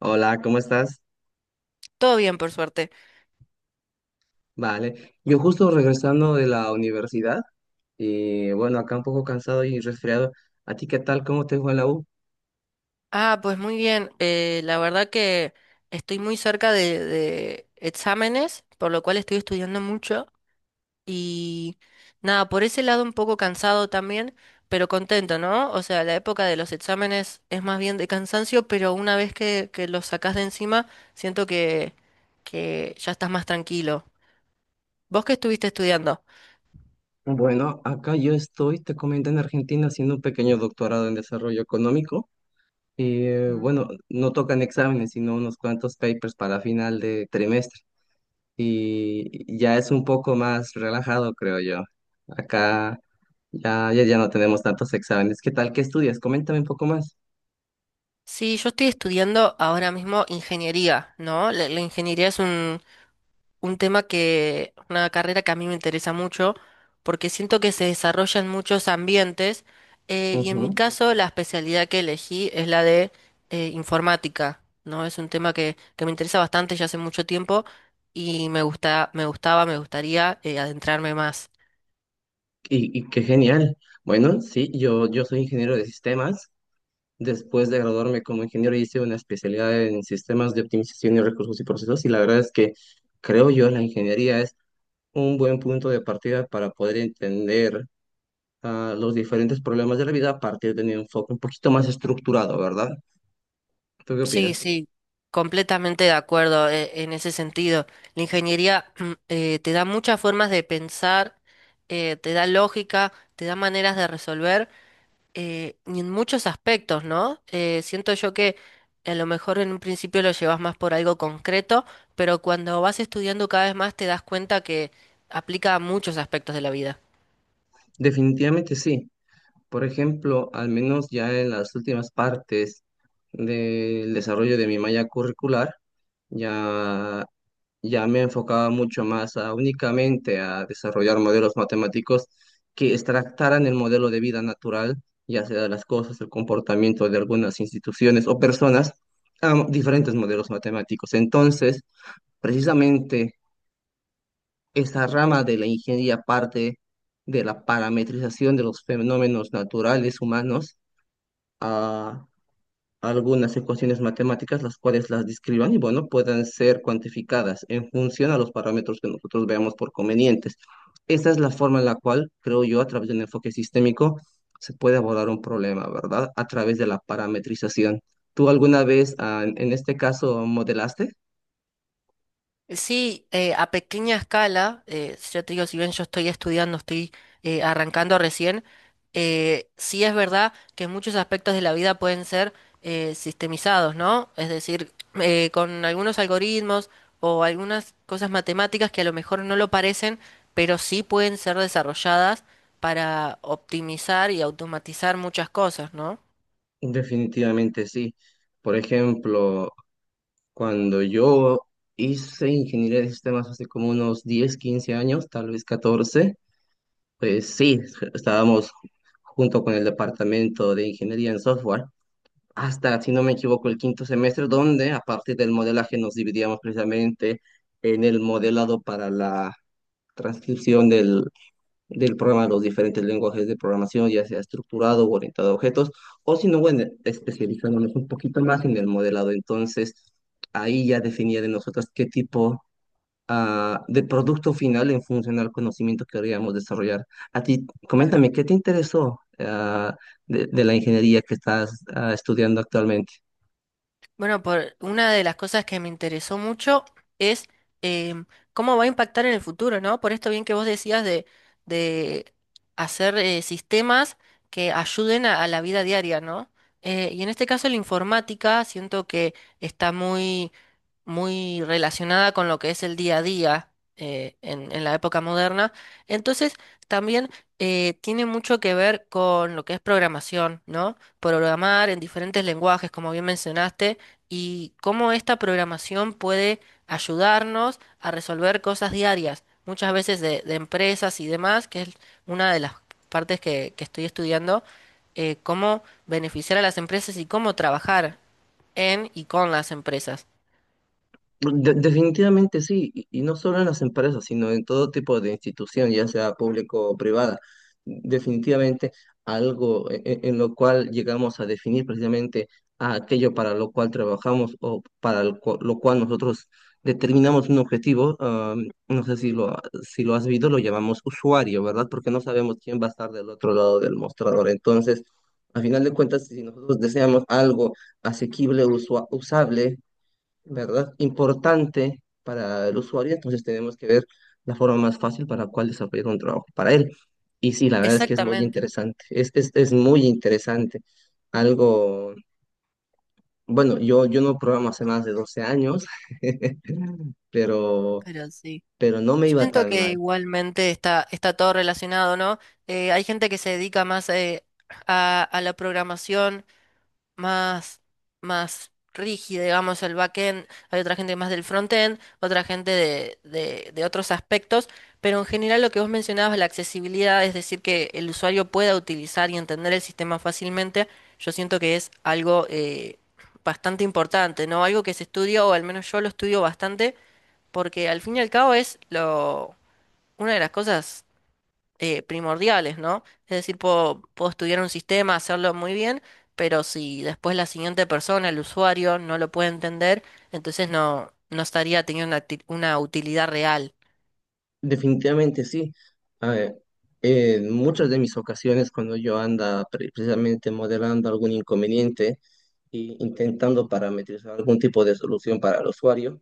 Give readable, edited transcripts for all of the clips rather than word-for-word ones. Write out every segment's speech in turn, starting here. Hola, ¿cómo estás? Todo bien, por suerte. Vale. Yo justo regresando de la universidad y bueno, acá un poco cansado y resfriado. ¿A ti qué tal? ¿Cómo te fue en la U? Pues muy bien. La verdad que estoy muy cerca de exámenes, por lo cual estoy estudiando mucho. Y Nada, por ese lado un poco cansado también, pero contento, ¿no? O sea, la época de los exámenes es más bien de cansancio, pero una vez que los sacás de encima, siento que ya estás más tranquilo. ¿Vos qué estuviste estudiando? Bueno, acá yo estoy, te comento, en Argentina haciendo un pequeño doctorado en desarrollo económico y Mm. bueno, no tocan exámenes, sino unos cuantos papers para final de trimestre y ya es un poco más relajado, creo yo. Acá ya no tenemos tantos exámenes. ¿Qué tal? ¿Qué estudias? Coméntame un poco más. Sí, yo estoy estudiando ahora mismo ingeniería, ¿no? La ingeniería es un tema una carrera que a mí me interesa mucho, porque siento que se desarrolla en muchos ambientes, y en mi Ujú. caso la especialidad que elegí es la de informática, ¿no? Es un tema que me interesa bastante ya hace mucho tiempo y me gusta, me gustaría adentrarme más. Y qué genial. Bueno, sí, yo soy ingeniero de sistemas. Después de graduarme como ingeniero hice una especialidad en sistemas de optimización y recursos y procesos y la verdad es que creo yo la ingeniería es un buen punto de partida para poder entender los diferentes problemas de la vida a partir de un enfoque un poquito más estructurado, ¿verdad? ¿Tú qué Sí, opinas? sí, completamente de acuerdo en ese sentido. La ingeniería te da muchas formas de pensar, te da lógica, te da maneras de resolver. Y en muchos aspectos, ¿no? Siento yo que a lo mejor en un principio lo llevas más por algo concreto, pero cuando vas estudiando cada vez más te das cuenta que aplica a muchos aspectos de la vida. Definitivamente sí. Por ejemplo, al menos ya en las últimas partes del desarrollo de mi malla curricular, ya ya me enfocaba mucho más a únicamente a desarrollar modelos matemáticos que extractaran el modelo de vida natural, ya sea de las cosas, el comportamiento de algunas instituciones o personas, a diferentes modelos matemáticos. Entonces, precisamente esa rama de la ingeniería parte de la parametrización de los fenómenos naturales humanos algunas ecuaciones matemáticas, las cuales las describan y, bueno, puedan ser cuantificadas en función a los parámetros que nosotros veamos por convenientes. Esa es la forma en la cual, creo yo, a través de un enfoque sistémico, se puede abordar un problema, ¿verdad? A través de la parametrización. ¿Tú alguna vez, en este caso, modelaste? Sí, a pequeña escala, si yo te digo, si bien yo estoy estudiando, estoy arrancando recién, sí es verdad que muchos aspectos de la vida pueden ser sistemizados, ¿no? Es decir, con algunos algoritmos o algunas cosas matemáticas que a lo mejor no lo parecen, pero sí pueden ser desarrolladas para optimizar y automatizar muchas cosas, ¿no? Definitivamente sí. Por ejemplo, cuando yo hice ingeniería de sistemas hace como unos 10 15 años, tal vez 14. Pues sí, estábamos junto con el departamento de ingeniería en software hasta, si no me equivoco, el quinto semestre, donde a partir del modelaje nos dividíamos precisamente en el modelado para la transcripción del programa a los diferentes lenguajes de programación, ya sea estructurado o orientado a objetos, o si no, bueno, especializándonos un poquito más en el modelado. Entonces, ahí ya definía de nosotros qué tipo de producto final en función al conocimiento que queríamos desarrollar. A ti, Claro. coméntame, ¿qué te interesó de la ingeniería que estás estudiando actualmente? Bueno, por una de las cosas que me interesó mucho es em, cómo va a impactar en el futuro, ¿no? Por esto bien que vos decías de hacer sistemas que ayuden a la vida diaria, ¿no? Y en este caso la informática siento que está muy relacionada con lo que es el día a día en la época moderna. Entonces, también tiene mucho que ver con lo que es programación, ¿no? Programar en diferentes lenguajes, como bien mencionaste, y cómo esta programación puede ayudarnos a resolver cosas diarias, muchas veces de empresas y demás, que es una de las partes que estoy estudiando, cómo beneficiar a las empresas y cómo trabajar en y con las empresas. Definitivamente sí, y no solo en las empresas, sino en todo tipo de institución, ya sea público o privada. Definitivamente algo en, lo cual llegamos a definir precisamente a aquello para lo cual trabajamos o para el lo cual nosotros determinamos un objetivo. No sé si lo, si lo has visto, lo llamamos usuario, ¿verdad? Porque no sabemos quién va a estar del otro lado del mostrador. Entonces, a final de cuentas, si nosotros deseamos algo asequible, usable, ¿verdad? Importante para el usuario, entonces tenemos que ver la forma más fácil para cuál desarrollar un trabajo para él. Y sí, la verdad es que es muy Exactamente, interesante, es muy interesante. Algo, bueno, yo no programo hace más de 12 años, pero, pero sí. pero no me Yo iba siento tan que mal. igualmente está todo relacionado, ¿no? Hay gente que se dedica más a la programación más, más rígida, digamos, el backend, hay otra gente más del frontend, otra gente de otros aspectos, pero en general lo que vos mencionabas, la accesibilidad, es decir, que el usuario pueda utilizar y entender el sistema fácilmente, yo siento que es algo bastante importante, ¿no? Algo que se estudia, o al menos yo lo estudio bastante porque al fin y al cabo una de las cosas primordiales, ¿no? Es decir, puedo estudiar un sistema, hacerlo muy bien, pero si después la siguiente persona, el usuario, no lo puede entender, entonces no, no estaría teniendo una utilidad real. Definitivamente sí. A ver, en muchas de mis ocasiones cuando yo precisamente modelando algún inconveniente e intentando parametrizar algún tipo de solución para el usuario,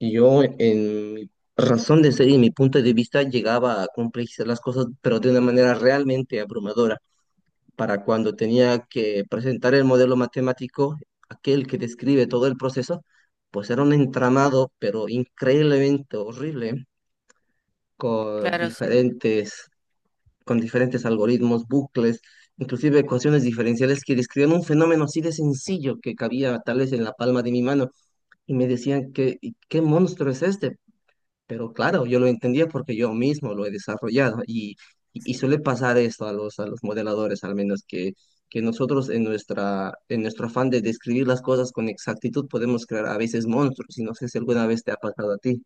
yo, en mi razón de ser y mi punto de vista, llegaba a complejizar las cosas, pero de una manera realmente abrumadora. Para cuando tenía que presentar el modelo matemático, aquel que describe todo el proceso, pues era un entramado, pero increíblemente horrible, con Claro, sí. diferentes, con diferentes algoritmos, bucles, inclusive ecuaciones diferenciales que describían un fenómeno así de sencillo que cabía tal vez en la palma de mi mano y me decían que: "¿Y qué monstruo es este?" Pero claro, yo lo entendía porque yo mismo lo he desarrollado y suele pasar esto a a los modeladores, al menos que nosotros en en nuestro afán de describir las cosas con exactitud podemos crear a veces monstruos y no sé si alguna vez te ha pasado a ti.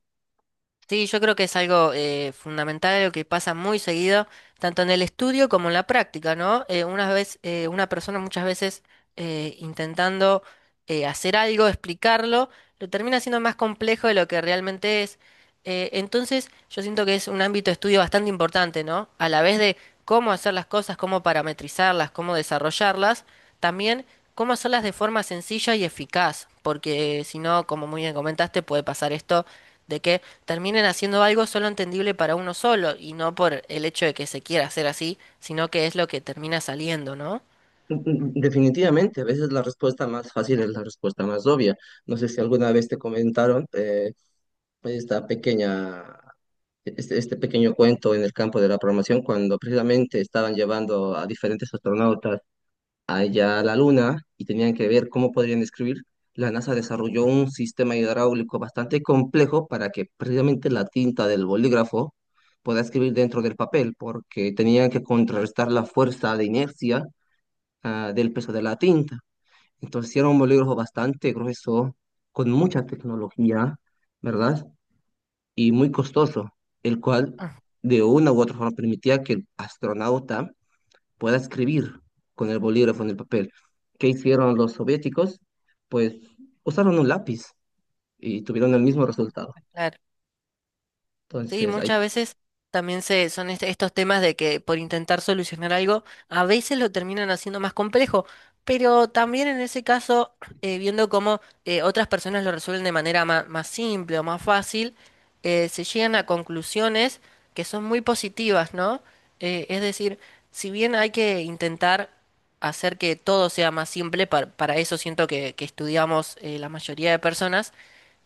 Sí, yo creo que es algo fundamental, algo que pasa muy seguido, tanto en el estudio como en la práctica, ¿no? Una persona muchas veces intentando hacer algo, explicarlo, lo termina siendo más complejo de lo que realmente es. Entonces, yo siento que es un ámbito de estudio bastante importante, ¿no? A la vez de cómo hacer las cosas, cómo parametrizarlas, cómo desarrollarlas, también cómo hacerlas de forma sencilla y eficaz, porque si no, como muy bien comentaste, puede pasar esto de que terminen haciendo algo solo entendible para uno solo y no por el hecho de que se quiera hacer así, sino que es lo que termina saliendo, ¿no? Mm, mm. Definitivamente, a veces la respuesta más fácil es la respuesta más obvia. No sé si alguna vez te comentaron esta pequeña, este pequeño cuento en el campo de la programación cuando precisamente estaban llevando a diferentes astronautas allá a la Luna y tenían que ver cómo podrían describir, la NASA desarrolló un sistema hidráulico bastante complejo para que precisamente la tinta del bolígrafo pueda escribir dentro del papel, porque tenían que contrarrestar la fuerza de inercia, del peso de la tinta. Entonces era un bolígrafo bastante grueso, con mucha tecnología, ¿verdad? Y muy costoso, el cual Ah, de una u otra forma permitía que el astronauta pueda escribir con el bolígrafo en el papel. ¿Qué hicieron los soviéticos? Pues usaron un lápiz y tuvieron el mismo resultado. claro. Sí, Entonces, hay, muchas veces también estos temas de que por intentar solucionar algo, a veces lo terminan haciendo más complejo, pero también en ese caso, viendo cómo otras personas lo resuelven de más simple o más fácil, se llegan a conclusiones que son muy positivas, ¿no? Es decir, si bien hay que intentar hacer que todo sea más simple, para eso siento que estudiamos la mayoría de personas,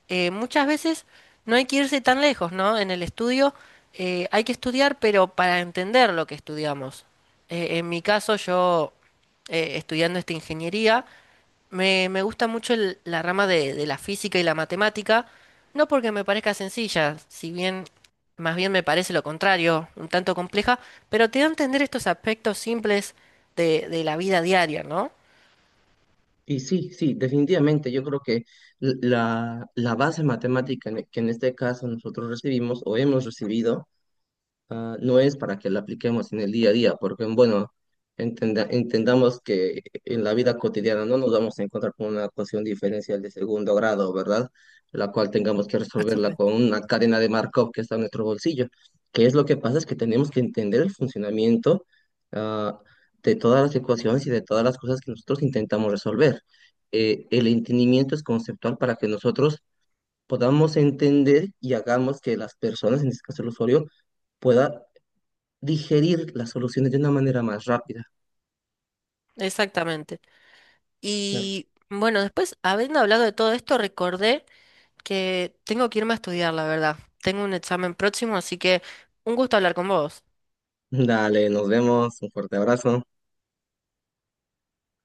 muchas veces no hay que irse tan lejos, ¿no? En el estudio hay que estudiar, pero para entender lo que estudiamos. En mi caso, yo estudiando esta ingeniería, me gusta mucho la rama de la física y la matemática, no porque me parezca sencilla, si bien más bien me parece lo contrario, un tanto compleja, pero te da a entender estos aspectos simples de la vida diaria, ¿no? y sí, sí, definitivamente, yo creo que la base matemática que en este caso nosotros recibimos o hemos recibido no es para que la apliquemos en el día a día, porque bueno, entendamos que en la vida cotidiana no nos vamos a encontrar con una ecuación diferencial de segundo grado, ¿verdad? La cual tengamos que Por resolverla supuesto. con una cadena de Markov que está en nuestro bolsillo. ¿Que es lo que pasa? Es que tenemos que entender el funcionamiento, ah, de todas las ecuaciones y de todas las cosas que nosotros intentamos resolver. El entendimiento es conceptual para que nosotros podamos entender y hagamos que las personas, en este caso el usuario, pueda digerir las soluciones de una manera más rápida. Exactamente. Y bueno, después, habiendo hablado de todo esto, recordé que tengo que irme a estudiar, la verdad. Tengo un examen próximo, así que un gusto hablar con vos. Dale, nos vemos, un fuerte abrazo.